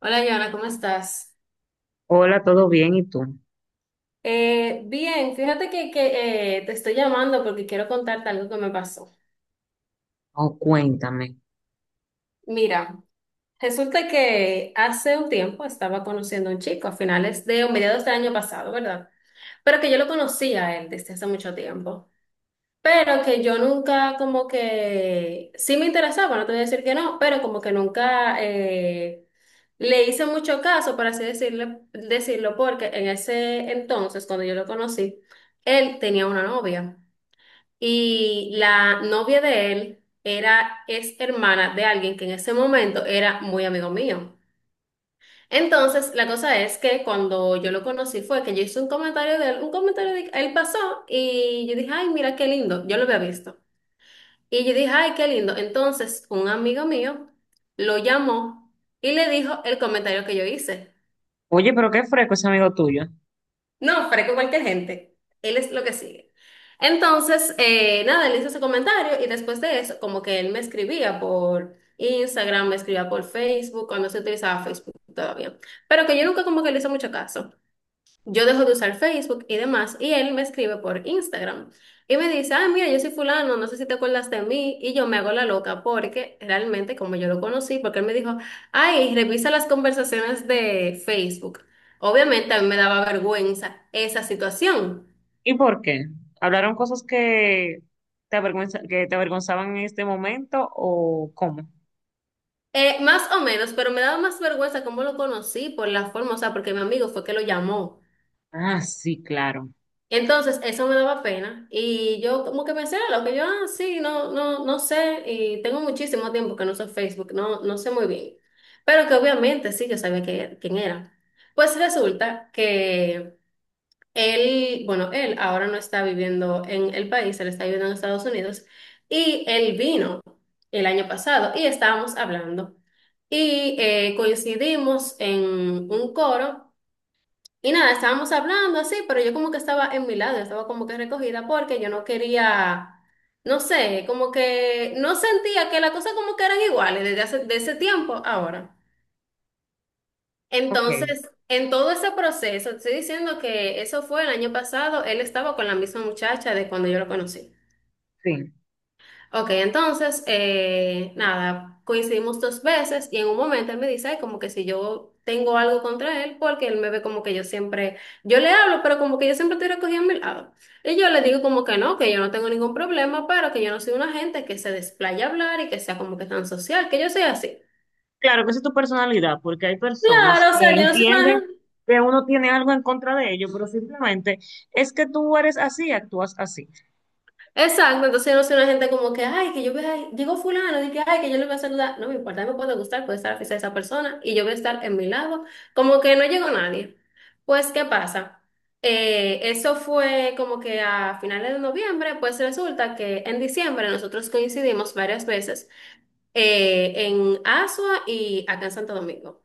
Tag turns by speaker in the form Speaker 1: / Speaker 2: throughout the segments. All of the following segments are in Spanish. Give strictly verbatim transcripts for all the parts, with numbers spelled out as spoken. Speaker 1: Hola, Joana, ¿cómo estás?
Speaker 2: Hola, ¿todo bien? ¿Y tú?
Speaker 1: Eh, bien, fíjate que, que, eh, te estoy llamando porque quiero contarte algo que me pasó.
Speaker 2: Oh, cuéntame.
Speaker 1: Mira, resulta que hace un tiempo estaba conociendo a un chico a finales de o mediados del año pasado, ¿verdad? Pero que yo lo conocía a él desde hace mucho tiempo. Pero que yo nunca como que sí me interesaba, no te voy a decir que no, pero como que nunca eh, le hice mucho caso, por así decirle, decirlo, porque en ese entonces, cuando yo lo conocí, él tenía una novia y la novia de él era, es hermana de alguien que en ese momento era muy amigo mío. Entonces, la cosa es que cuando yo lo conocí fue que yo hice un comentario de él, un comentario de él pasó y yo dije, ay, mira qué lindo, yo lo había visto. Y yo dije, ay, qué lindo. Entonces, un amigo mío lo llamó y le dijo el comentario que yo hice.
Speaker 2: Oye, pero qué fresco ese amigo tuyo.
Speaker 1: No, freco cualquier gente. Él es lo que sigue. Entonces, eh, nada, él hizo ese comentario y después de eso, como que él me escribía por Instagram, me escribía por Facebook, cuando se utilizaba Facebook todavía. Pero que yo nunca como que le hice mucho caso. Yo dejo de usar Facebook y demás, y él me escribe por Instagram y me dice, ah, mira, yo soy fulano, no sé si te acuerdas de mí, y yo me hago la loca porque realmente como yo lo conocí, porque él me dijo, ay, revisa las conversaciones de Facebook. Obviamente a mí me daba vergüenza esa situación.
Speaker 2: ¿Y por qué? ¿Hablaron cosas que te avergüenza, que te avergonzaban en este momento o cómo?
Speaker 1: Eh, más o menos, pero me daba más vergüenza cómo lo conocí por la forma, o sea, porque mi amigo fue que lo llamó.
Speaker 2: Ah, sí, claro.
Speaker 1: Entonces, eso me daba pena y yo como que pensé: "Ah, lo que yo, ah, sí, no, no, no sé, y tengo muchísimo tiempo que no uso Facebook, no, no sé muy bien, pero que obviamente sí, yo sabía que- quién era". Pues resulta que él, bueno, él ahora no está viviendo en el país, él está viviendo en Estados Unidos y él vino el año pasado y estábamos hablando y eh, coincidimos en un coro y nada, estábamos hablando así, pero yo como que estaba en mi lado, yo estaba como que recogida porque yo no quería, no sé, como que no sentía que las cosas como que eran iguales desde hace, de ese tiempo a ahora.
Speaker 2: Ok,
Speaker 1: Entonces, en todo ese proceso, te estoy diciendo que eso fue el año pasado, él estaba con la misma muchacha de cuando yo lo conocí.
Speaker 2: sí.
Speaker 1: Ok, entonces, eh, nada, coincidimos dos veces y en un momento él me dice: "Ay, como que si yo tengo algo contra él", porque él me ve como que yo siempre, yo le hablo, pero como que yo siempre estoy recogida a mi lado. Y yo le digo como que no, que yo no tengo ningún problema, pero que yo no soy una gente que se desplaya a hablar y que sea como que tan social, que yo soy así.
Speaker 2: Claro que esa es tu personalidad, porque hay personas
Speaker 1: Claro, o
Speaker 2: que
Speaker 1: sea, yo no soy una
Speaker 2: entienden
Speaker 1: gente.
Speaker 2: que uno tiene algo en contra de ellos, pero simplemente es que tú eres así, actúas así.
Speaker 1: Exacto, entonces yo no soy una gente como que, ay, que yo voy a, digo fulano, y que, ay, que yo le voy a saludar. No me importa, me puede gustar, puede estar la fiesta de esa persona y yo voy a estar en mi lado, como que no llegó nadie. Pues, ¿qué pasa? Eh, eso fue como que a finales de noviembre, pues resulta que en diciembre nosotros coincidimos varias veces eh, en Asua y acá en Santo Domingo.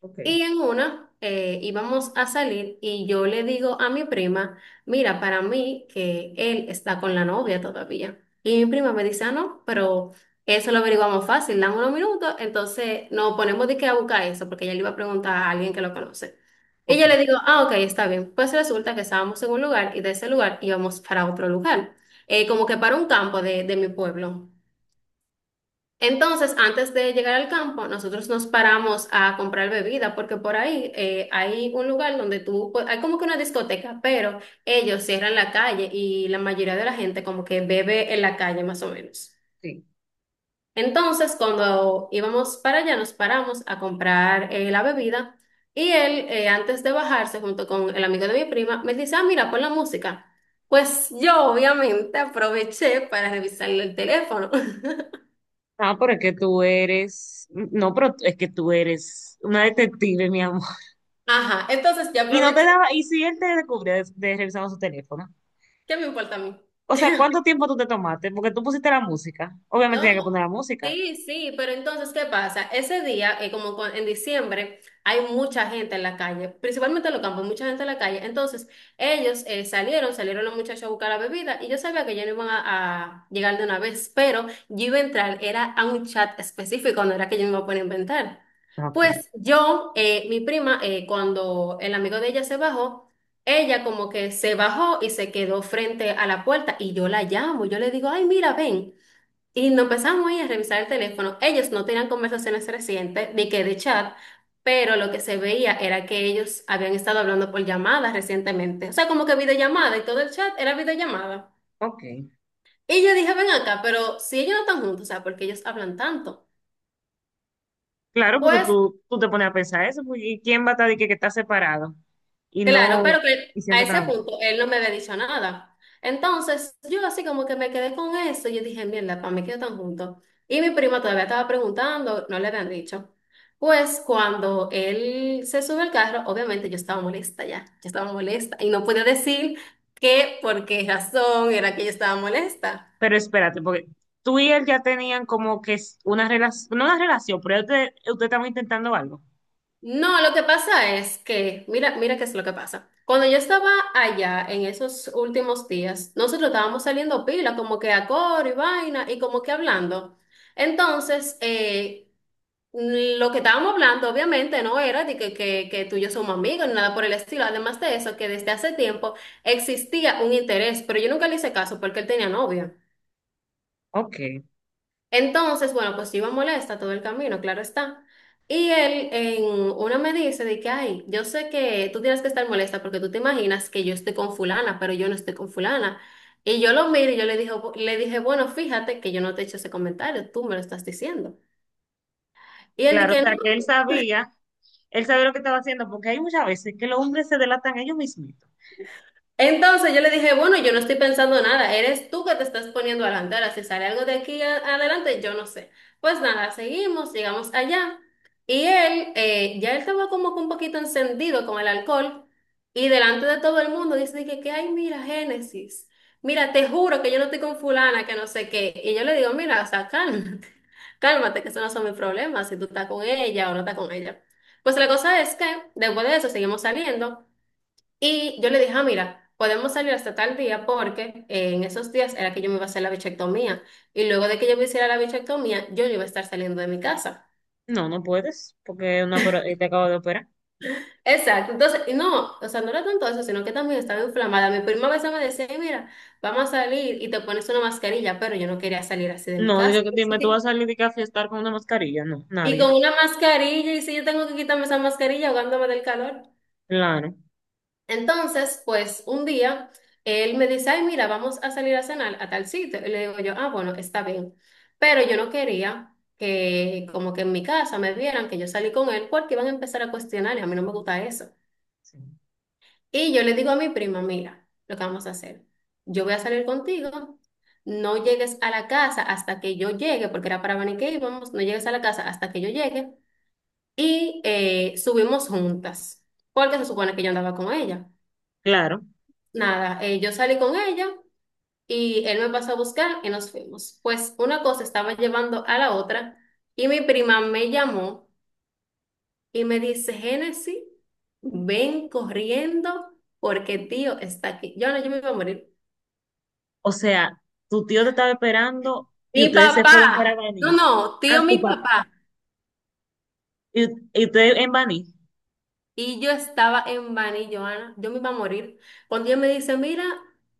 Speaker 2: Ok,
Speaker 1: Y en una eh, íbamos a salir y yo le digo a mi prima: mira, para mí que él está con la novia todavía. Y mi prima me dice: ah, no, pero eso lo averiguamos fácil, dan unos minutos, entonces nos ponemos de que a buscar eso, porque ella le iba a preguntar a alguien que lo conoce. Y
Speaker 2: ok,
Speaker 1: yo le digo: ah, ok, está bien. Pues resulta que estábamos en un lugar y de ese lugar íbamos para otro lugar, eh, como que para un campo de, de mi pueblo. Entonces, antes de llegar al campo, nosotros nos paramos a comprar bebida, porque por ahí eh, hay un lugar donde tú, pues, hay como que una discoteca, pero ellos cierran la calle y la mayoría de la gente como que bebe en la calle más o menos.
Speaker 2: sí.
Speaker 1: Entonces, cuando íbamos para allá, nos paramos a comprar eh, la bebida y él, eh, antes de bajarse junto con el amigo de mi prima, me dice: ah, mira, pon la música. Pues yo obviamente aproveché para revisarle el teléfono.
Speaker 2: Ah, pero es que tú eres, no, pero es que tú eres una detective, mi amor.
Speaker 1: Ajá, entonces yo
Speaker 2: Y no te
Speaker 1: aproveché.
Speaker 2: daba, y si él te descubría de, de revisando su teléfono.
Speaker 1: ¿Qué me importa a mí?
Speaker 2: O sea, ¿cuánto tiempo tú te tomaste? Porque tú pusiste la música. Obviamente
Speaker 1: No,
Speaker 2: tenía que poner la música.
Speaker 1: sí, sí, pero entonces, ¿qué pasa? Ese día, eh, como cu- en diciembre, hay mucha gente en la calle, principalmente en los campos, mucha gente en la calle. Entonces, ellos eh, salieron, salieron los muchachos a buscar la bebida y yo sabía que ya no iban a, a llegar de una vez, pero yo iba a entrar, era a un chat específico, no era que yo me iba a poner a inventar.
Speaker 2: Ah, ok.
Speaker 1: Pues yo, eh, mi prima, eh, cuando el amigo de ella se bajó, ella como que se bajó y se quedó frente a la puerta y yo la llamo, yo le digo: ay, mira, ven. Y nos empezamos ahí a revisar el teléfono. Ellos no tenían conversaciones recientes ni que de chat, pero lo que se veía era que ellos habían estado hablando por llamadas recientemente. O sea, como que videollamada y todo el chat era videollamada.
Speaker 2: Ok.
Speaker 1: Y yo dije: ven acá, pero si ellos no están juntos, o sea, ¿por qué ellos hablan tanto?
Speaker 2: Claro, porque
Speaker 1: Pues
Speaker 2: tú, tú te pones a pensar eso. Pues, ¿y quién va a estar de que, que está separado? Y
Speaker 1: claro,
Speaker 2: no,
Speaker 1: pero que
Speaker 2: y
Speaker 1: a
Speaker 2: siempre está.
Speaker 1: ese punto él no me había dicho nada. Entonces, yo así como que me quedé con eso. Y yo dije: mierda, para mí que tan juntos. Y mi prima todavía estaba preguntando, no le habían dicho. Pues cuando él se sube al carro, obviamente yo estaba molesta ya, yo estaba molesta y no podía decir qué, por qué razón era que yo estaba molesta.
Speaker 2: Pero espérate, porque tú y él ya tenían como que es una relación, no una relación, pero ustedes usted usted estaba intentando algo.
Speaker 1: No, lo que pasa es que, mira, mira qué es lo que pasa. Cuando yo estaba allá en esos últimos días, nosotros estábamos saliendo pila, como que a coro y vaina, y como que hablando. Entonces, eh, lo que estábamos hablando, obviamente, no era de que, que, que tú y yo somos amigos, ni nada por el estilo. Además de eso, que desde hace tiempo existía un interés, pero yo nunca le hice caso porque él tenía novia.
Speaker 2: Ok.
Speaker 1: Entonces, bueno, pues yo iba molesta todo el camino, claro está. Y él en una me dice de que, ay, yo sé que tú tienes que estar molesta porque tú te imaginas que yo estoy con fulana, pero yo no estoy con fulana. Y yo lo miro y yo le dije, le dije: bueno, fíjate que yo no te he hecho ese comentario, tú me lo estás diciendo. Y él
Speaker 2: Claro, o
Speaker 1: dice: no.
Speaker 2: sea, que él sabía, él sabía lo que estaba haciendo, porque hay muchas veces que los hombres se delatan ellos mismos.
Speaker 1: Entonces yo le dije: bueno, yo no estoy pensando nada, eres tú que te estás poniendo a la antera, si sale algo de aquí a- adelante, yo no sé. Pues nada, seguimos, llegamos allá y él, eh, ya él estaba como que un poquito encendido con el alcohol y delante de todo el mundo dice de que, que, ay, mira, Génesis, mira, te juro que yo no estoy con fulana, que no sé qué. Y yo le digo: mira, o sea, cálmate, cálmate, que esos no son mis problemas, si tú estás con ella o no estás con ella. Pues la cosa es que después de eso seguimos saliendo. Y yo le dije: ah, mira, podemos salir hasta tal día porque eh, en esos días era que yo me iba a hacer la bichectomía. Y luego de que yo me hiciera la bichectomía, yo no iba a estar saliendo de mi casa.
Speaker 2: No, no puedes, porque una opera- eh, te acabo de operar.
Speaker 1: Exacto. Entonces, y no, o sea, no era tanto eso, sino que también estaba inflamada. Mi prima a veces me decía: "Ay, mira, vamos a salir y te pones una mascarilla", pero yo no quería salir así de mi
Speaker 2: No, digo,
Speaker 1: casa.
Speaker 2: que- dime, tú vas a salir de que a fiestar con una mascarilla. No,
Speaker 1: Y
Speaker 2: nadie.
Speaker 1: con una mascarilla, y si yo tengo que quitarme esa mascarilla ahogándome del calor.
Speaker 2: Claro,
Speaker 1: Entonces, pues un día él me dice: ay, mira, vamos a salir a cenar a tal sitio. Y le digo yo: ah, bueno, está bien. Pero yo no quería que como que en mi casa me vieran que yo salí con él porque iban a empezar a cuestionar y a mí no me gusta eso.
Speaker 2: sí,
Speaker 1: Y yo le digo a mi prima: mira, lo que vamos a hacer, yo voy a salir contigo, no llegues a la casa hasta que yo llegue, porque era para venir que íbamos, no llegues a la casa hasta que yo llegue y eh, subimos juntas, porque se supone que yo andaba con ella.
Speaker 2: claro.
Speaker 1: Nada, eh, yo salí con ella y él me pasó a buscar y nos fuimos. Pues una cosa estaba llevando a la otra y mi prima me llamó y me dice, Génesis, ven corriendo porque tío está aquí. Yo no, yo me iba a morir.
Speaker 2: O sea, tu tío te estaba esperando y
Speaker 1: Mi
Speaker 2: ustedes se fueron para
Speaker 1: papá, no,
Speaker 2: Baní.
Speaker 1: no, tío,
Speaker 2: A
Speaker 1: mi
Speaker 2: tu papá.
Speaker 1: papá.
Speaker 2: Y, y ustedes en Baní.
Speaker 1: Y yo estaba en Bani, Joana, yo me iba a morir. Cuando ella me dice, mira,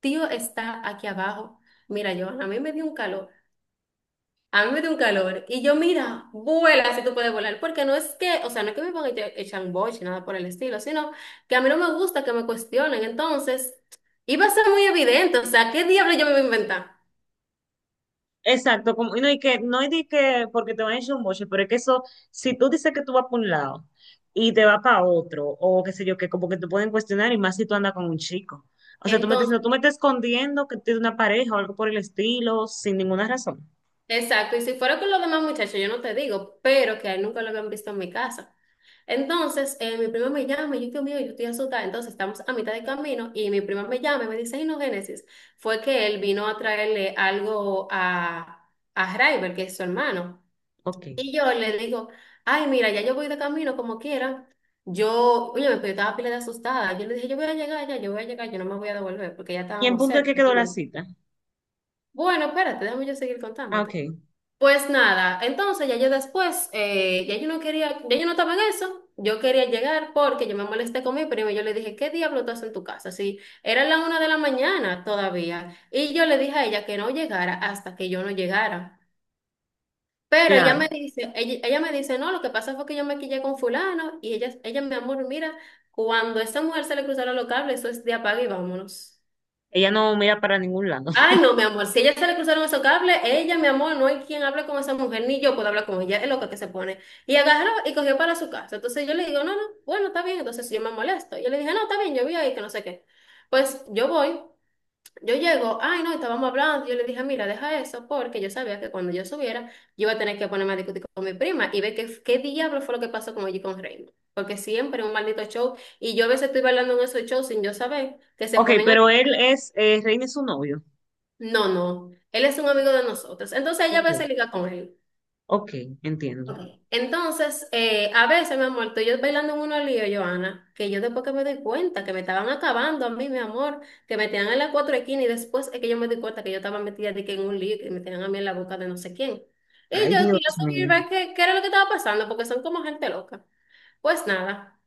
Speaker 1: tío está aquí abajo. Mira, Joana, a mí me dio un calor. A mí me dio un calor. Y yo, mira, vuela si tú puedes volar. Porque no es que, o sea, no es que me pongan echa- echan boche, nada por el estilo, sino que a mí no me gusta que me cuestionen. Entonces, iba a ser muy evidente. O sea, ¿qué diablo yo me voy a inventar?
Speaker 2: Exacto, como, y no, y que, no es de que porque te van a echar un boche, pero es que eso, si tú dices que tú vas para un lado y te vas para otro, o qué sé yo, que como que te pueden cuestionar, y más si tú andas con un chico. O sea, tú me estás diciendo,
Speaker 1: Entonces,
Speaker 2: tú me estás escondiendo que tienes una pareja o algo por el estilo, sin ninguna razón.
Speaker 1: exacto. Y si fuera con los demás muchachos, yo no te digo, pero que a él nunca lo habían visto en mi casa. Entonces, eh, mi prima me llama y yo, Dios mío, yo estoy asustada. Entonces, estamos a mitad de camino y mi prima me llama y me dice, ay, no, Génesis, fue que él vino a traerle algo a, a Raiber, que es su hermano.
Speaker 2: Ok.
Speaker 1: Y yo le digo, ay, mira, ya yo voy de camino como quiera. Yo, oye, pero yo estaba pila de asustada. Yo le dije, yo voy a llegar ya, yo voy a llegar, yo no me voy a devolver porque ya
Speaker 2: ¿Y en
Speaker 1: estábamos
Speaker 2: punto de qué
Speaker 1: cerca.
Speaker 2: quedó
Speaker 1: Y yo,
Speaker 2: la
Speaker 1: le-
Speaker 2: cita?
Speaker 1: Bueno, espérate, déjame yo seguir
Speaker 2: Ah, ok,
Speaker 1: contándote. Pues nada, entonces ya yo después, eh, ya yo no quería, ya yo no estaba en eso. Yo quería llegar porque yo me molesté con mi primo y yo le dije, ¿qué diablo tú haces en tu casa? Sí, era la una de la mañana todavía. Y yo le dije a ella que no llegara hasta que yo no llegara. Pero ella
Speaker 2: claro.
Speaker 1: me dice, ella, ella me dice, no, lo que pasa fue que yo me quillé con fulano y ella, ella, mi amor, mira, cuando a esa mujer se le cruzaron los cables, eso es de apague y vámonos.
Speaker 2: Ella no mira para ningún lado.
Speaker 1: Ay, no, mi amor, si a ella se le cruzaron esos cables, ella, mi amor, no hay quien hable con esa mujer, ni yo puedo hablar con ella, es loca que se pone. Y agarró y cogió para su casa. Entonces yo le digo, no, no, bueno, está bien, entonces yo me molesto. Yo le dije, no, está bien, yo vi ahí que no sé qué. Pues yo voy. Yo llego, ay no, estábamos hablando, yo le dije, mira, deja eso, porque yo sabía que cuando yo subiera, yo iba a tener que ponerme a discutir con mi prima y ver qué, qué diablo fue lo que pasó con allí con Raymond. Porque siempre es un maldito show, y yo a veces estoy bailando en esos shows sin yo saber, que se
Speaker 2: Ok,
Speaker 1: ponen a…
Speaker 2: pero él es, eh, Reina es su novio.
Speaker 1: No, no, él es un amigo de nosotros. Entonces ella a
Speaker 2: Ok,
Speaker 1: veces liga con él.
Speaker 2: ok, entiendo.
Speaker 1: Ok. Entonces, eh, a veces, mi amor, tú y yo bailando en unos líos, Joana, que yo después que me doy cuenta que me estaban acabando a mí, mi amor, que me tenían en las cuatro esquinas y después es que yo me di cuenta que yo estaba metida de que en un lío que me tenían a mí en la boca de no sé quién. Y
Speaker 2: Ay,
Speaker 1: yo
Speaker 2: Dios
Speaker 1: quería saber,
Speaker 2: mío.
Speaker 1: ¿verdad?, qué, qué era lo que estaba pasando, porque son como gente loca. Pues nada.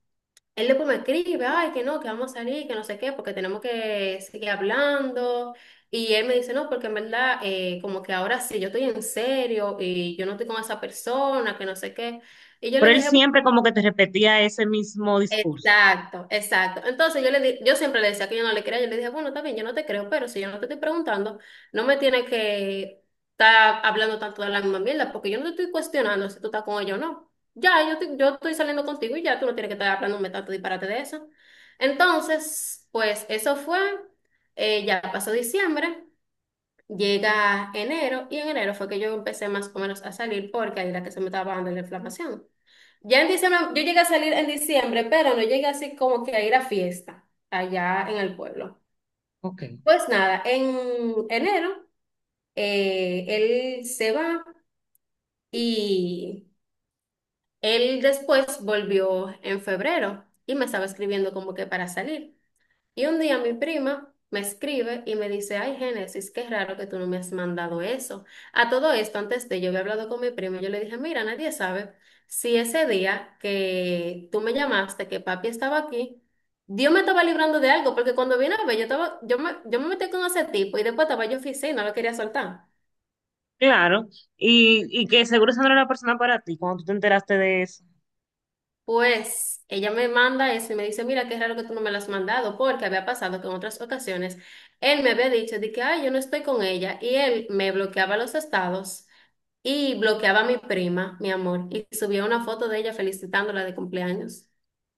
Speaker 1: Él después me escribe, ay, que no, que vamos a salir, que no sé qué, porque tenemos que seguir hablando. Y él me dice, no, porque en verdad, eh, como que ahora sí, yo estoy en serio y yo no estoy con esa persona, que no sé qué. Y yo
Speaker 2: Pero
Speaker 1: le
Speaker 2: él
Speaker 1: dije,
Speaker 2: siempre como que te repetía ese mismo discurso.
Speaker 1: exacto, exacto. Entonces yo le di- yo siempre le decía que yo no le creía, yo le dije, bueno, está bien, yo no te creo, pero si yo no te estoy preguntando, no me tienes que estar hablando tanto de la misma mierda, porque yo no te estoy cuestionando si tú estás con ella o no. Ya, yo, te- yo estoy saliendo contigo y ya tú no tienes que estar hablándome tanto disparate de eso. Entonces, pues eso fue, eh, ya pasó diciembre, llega enero, y en enero fue que yo empecé más o menos a salir porque ahí era que se me estaba bajando la inflamación. Ya en diciembre, yo llegué a salir en diciembre, pero no llegué así como que a ir a fiesta allá en el pueblo.
Speaker 2: Ok,
Speaker 1: Pues nada, en enero eh, él se va y él después volvió en febrero y me estaba escribiendo como que para salir. Y un día mi prima me escribe y me dice, ay, Génesis, qué raro que tú no me has mandado eso. A todo esto, antes de yo había hablado con mi prima, yo le dije, mira, nadie sabe si ese día que tú me llamaste, que papi estaba aquí, Dios me estaba librando de algo, porque cuando vine a ver, yo estaba, yo me, yo me metí con ese tipo y después estaba yo en oficina, no lo quería soltar.
Speaker 2: claro. Y, y que seguro esa no era la persona para ti cuando tú te enteraste de eso.
Speaker 1: Pues ella me manda eso y me dice, mira, qué raro que tú no me lo has mandado, porque había pasado que en otras ocasiones él me había dicho de que, ay, yo no estoy con ella, y él me bloqueaba los estados y bloqueaba a mi prima, mi amor, y subía una foto de ella felicitándola de cumpleaños.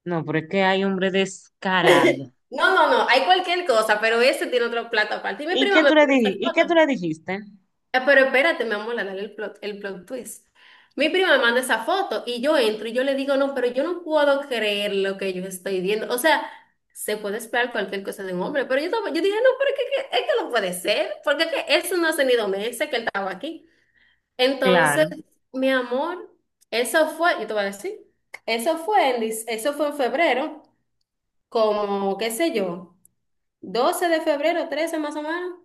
Speaker 2: No, pero es que hay hombre descarado.
Speaker 1: No, no, no, hay cualquier cosa, pero ese tiene otro plato aparte. Y mi
Speaker 2: ¿Y
Speaker 1: prima
Speaker 2: qué
Speaker 1: me
Speaker 2: tú le
Speaker 1: mandó esa
Speaker 2: dijiste? ¿Y qué tú
Speaker 1: foto.
Speaker 2: le dijiste?
Speaker 1: Ah, pero espérate, mi amor, dale el plot, el plot, twist. Mi prima me manda esa foto y yo entro y yo le digo, no, pero yo no puedo creer lo que yo estoy viendo. O sea, se puede esperar cualquier cosa de un hombre, pero yo, estaba- yo dije, no, pero es que, que- es que no puede ser, porque es que eso no hace ni dos meses que él estaba aquí. Entonces,
Speaker 2: Claro.
Speaker 1: mi amor, eso fue, yo te voy a decir, eso fue en, dic- eso fue en febrero, como, qué sé yo, doce de febrero, trece más o menos.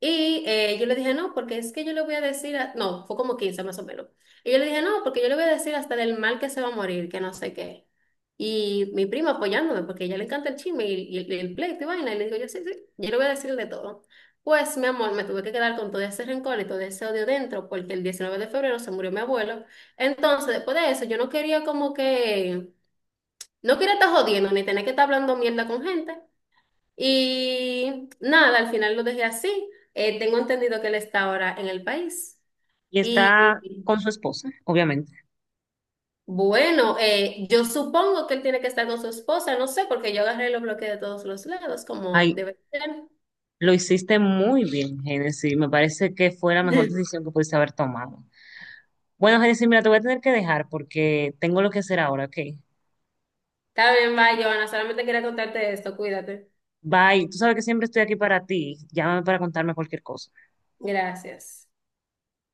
Speaker 1: Y eh, yo le dije, no, porque es que yo le voy a decir, a-". No, fue como quince más o menos. Y yo le dije, no, porque yo le voy a decir hasta del mal que se va a morir, que no sé qué. Y mi prima apoyándome, porque a ella le encanta el chisme y, y el, el pleito y vaina. Y le digo, yo sí, sí, yo le voy a decir de todo. Pues, mi amor, me tuve que quedar con todo ese rencor y todo ese odio dentro, porque el diecinueve de febrero se murió mi abuelo. Entonces, después de eso, yo no quería como que, no quería estar jodiendo ni tener que estar hablando mierda con gente. Y nada, al final lo dejé así. Eh, tengo entendido que él está ahora en el país.
Speaker 2: Y está
Speaker 1: Y
Speaker 2: con su esposa, obviamente.
Speaker 1: bueno, eh, yo supongo que él tiene que estar con su esposa, no sé, porque yo agarré y lo bloqueé de todos los lados, como
Speaker 2: Ay,
Speaker 1: debe ser.
Speaker 2: lo hiciste muy bien, Genesis. Me parece que fue la mejor decisión que pudiste haber tomado. Bueno, Genesis, mira, te voy a tener que dejar porque tengo lo que hacer ahora, ¿ok?
Speaker 1: Está bien, bye, Joana. Solamente quería contarte esto. Cuídate.
Speaker 2: Bye. Tú sabes que siempre estoy aquí para ti. Llámame para contarme cualquier cosa.
Speaker 1: Gracias.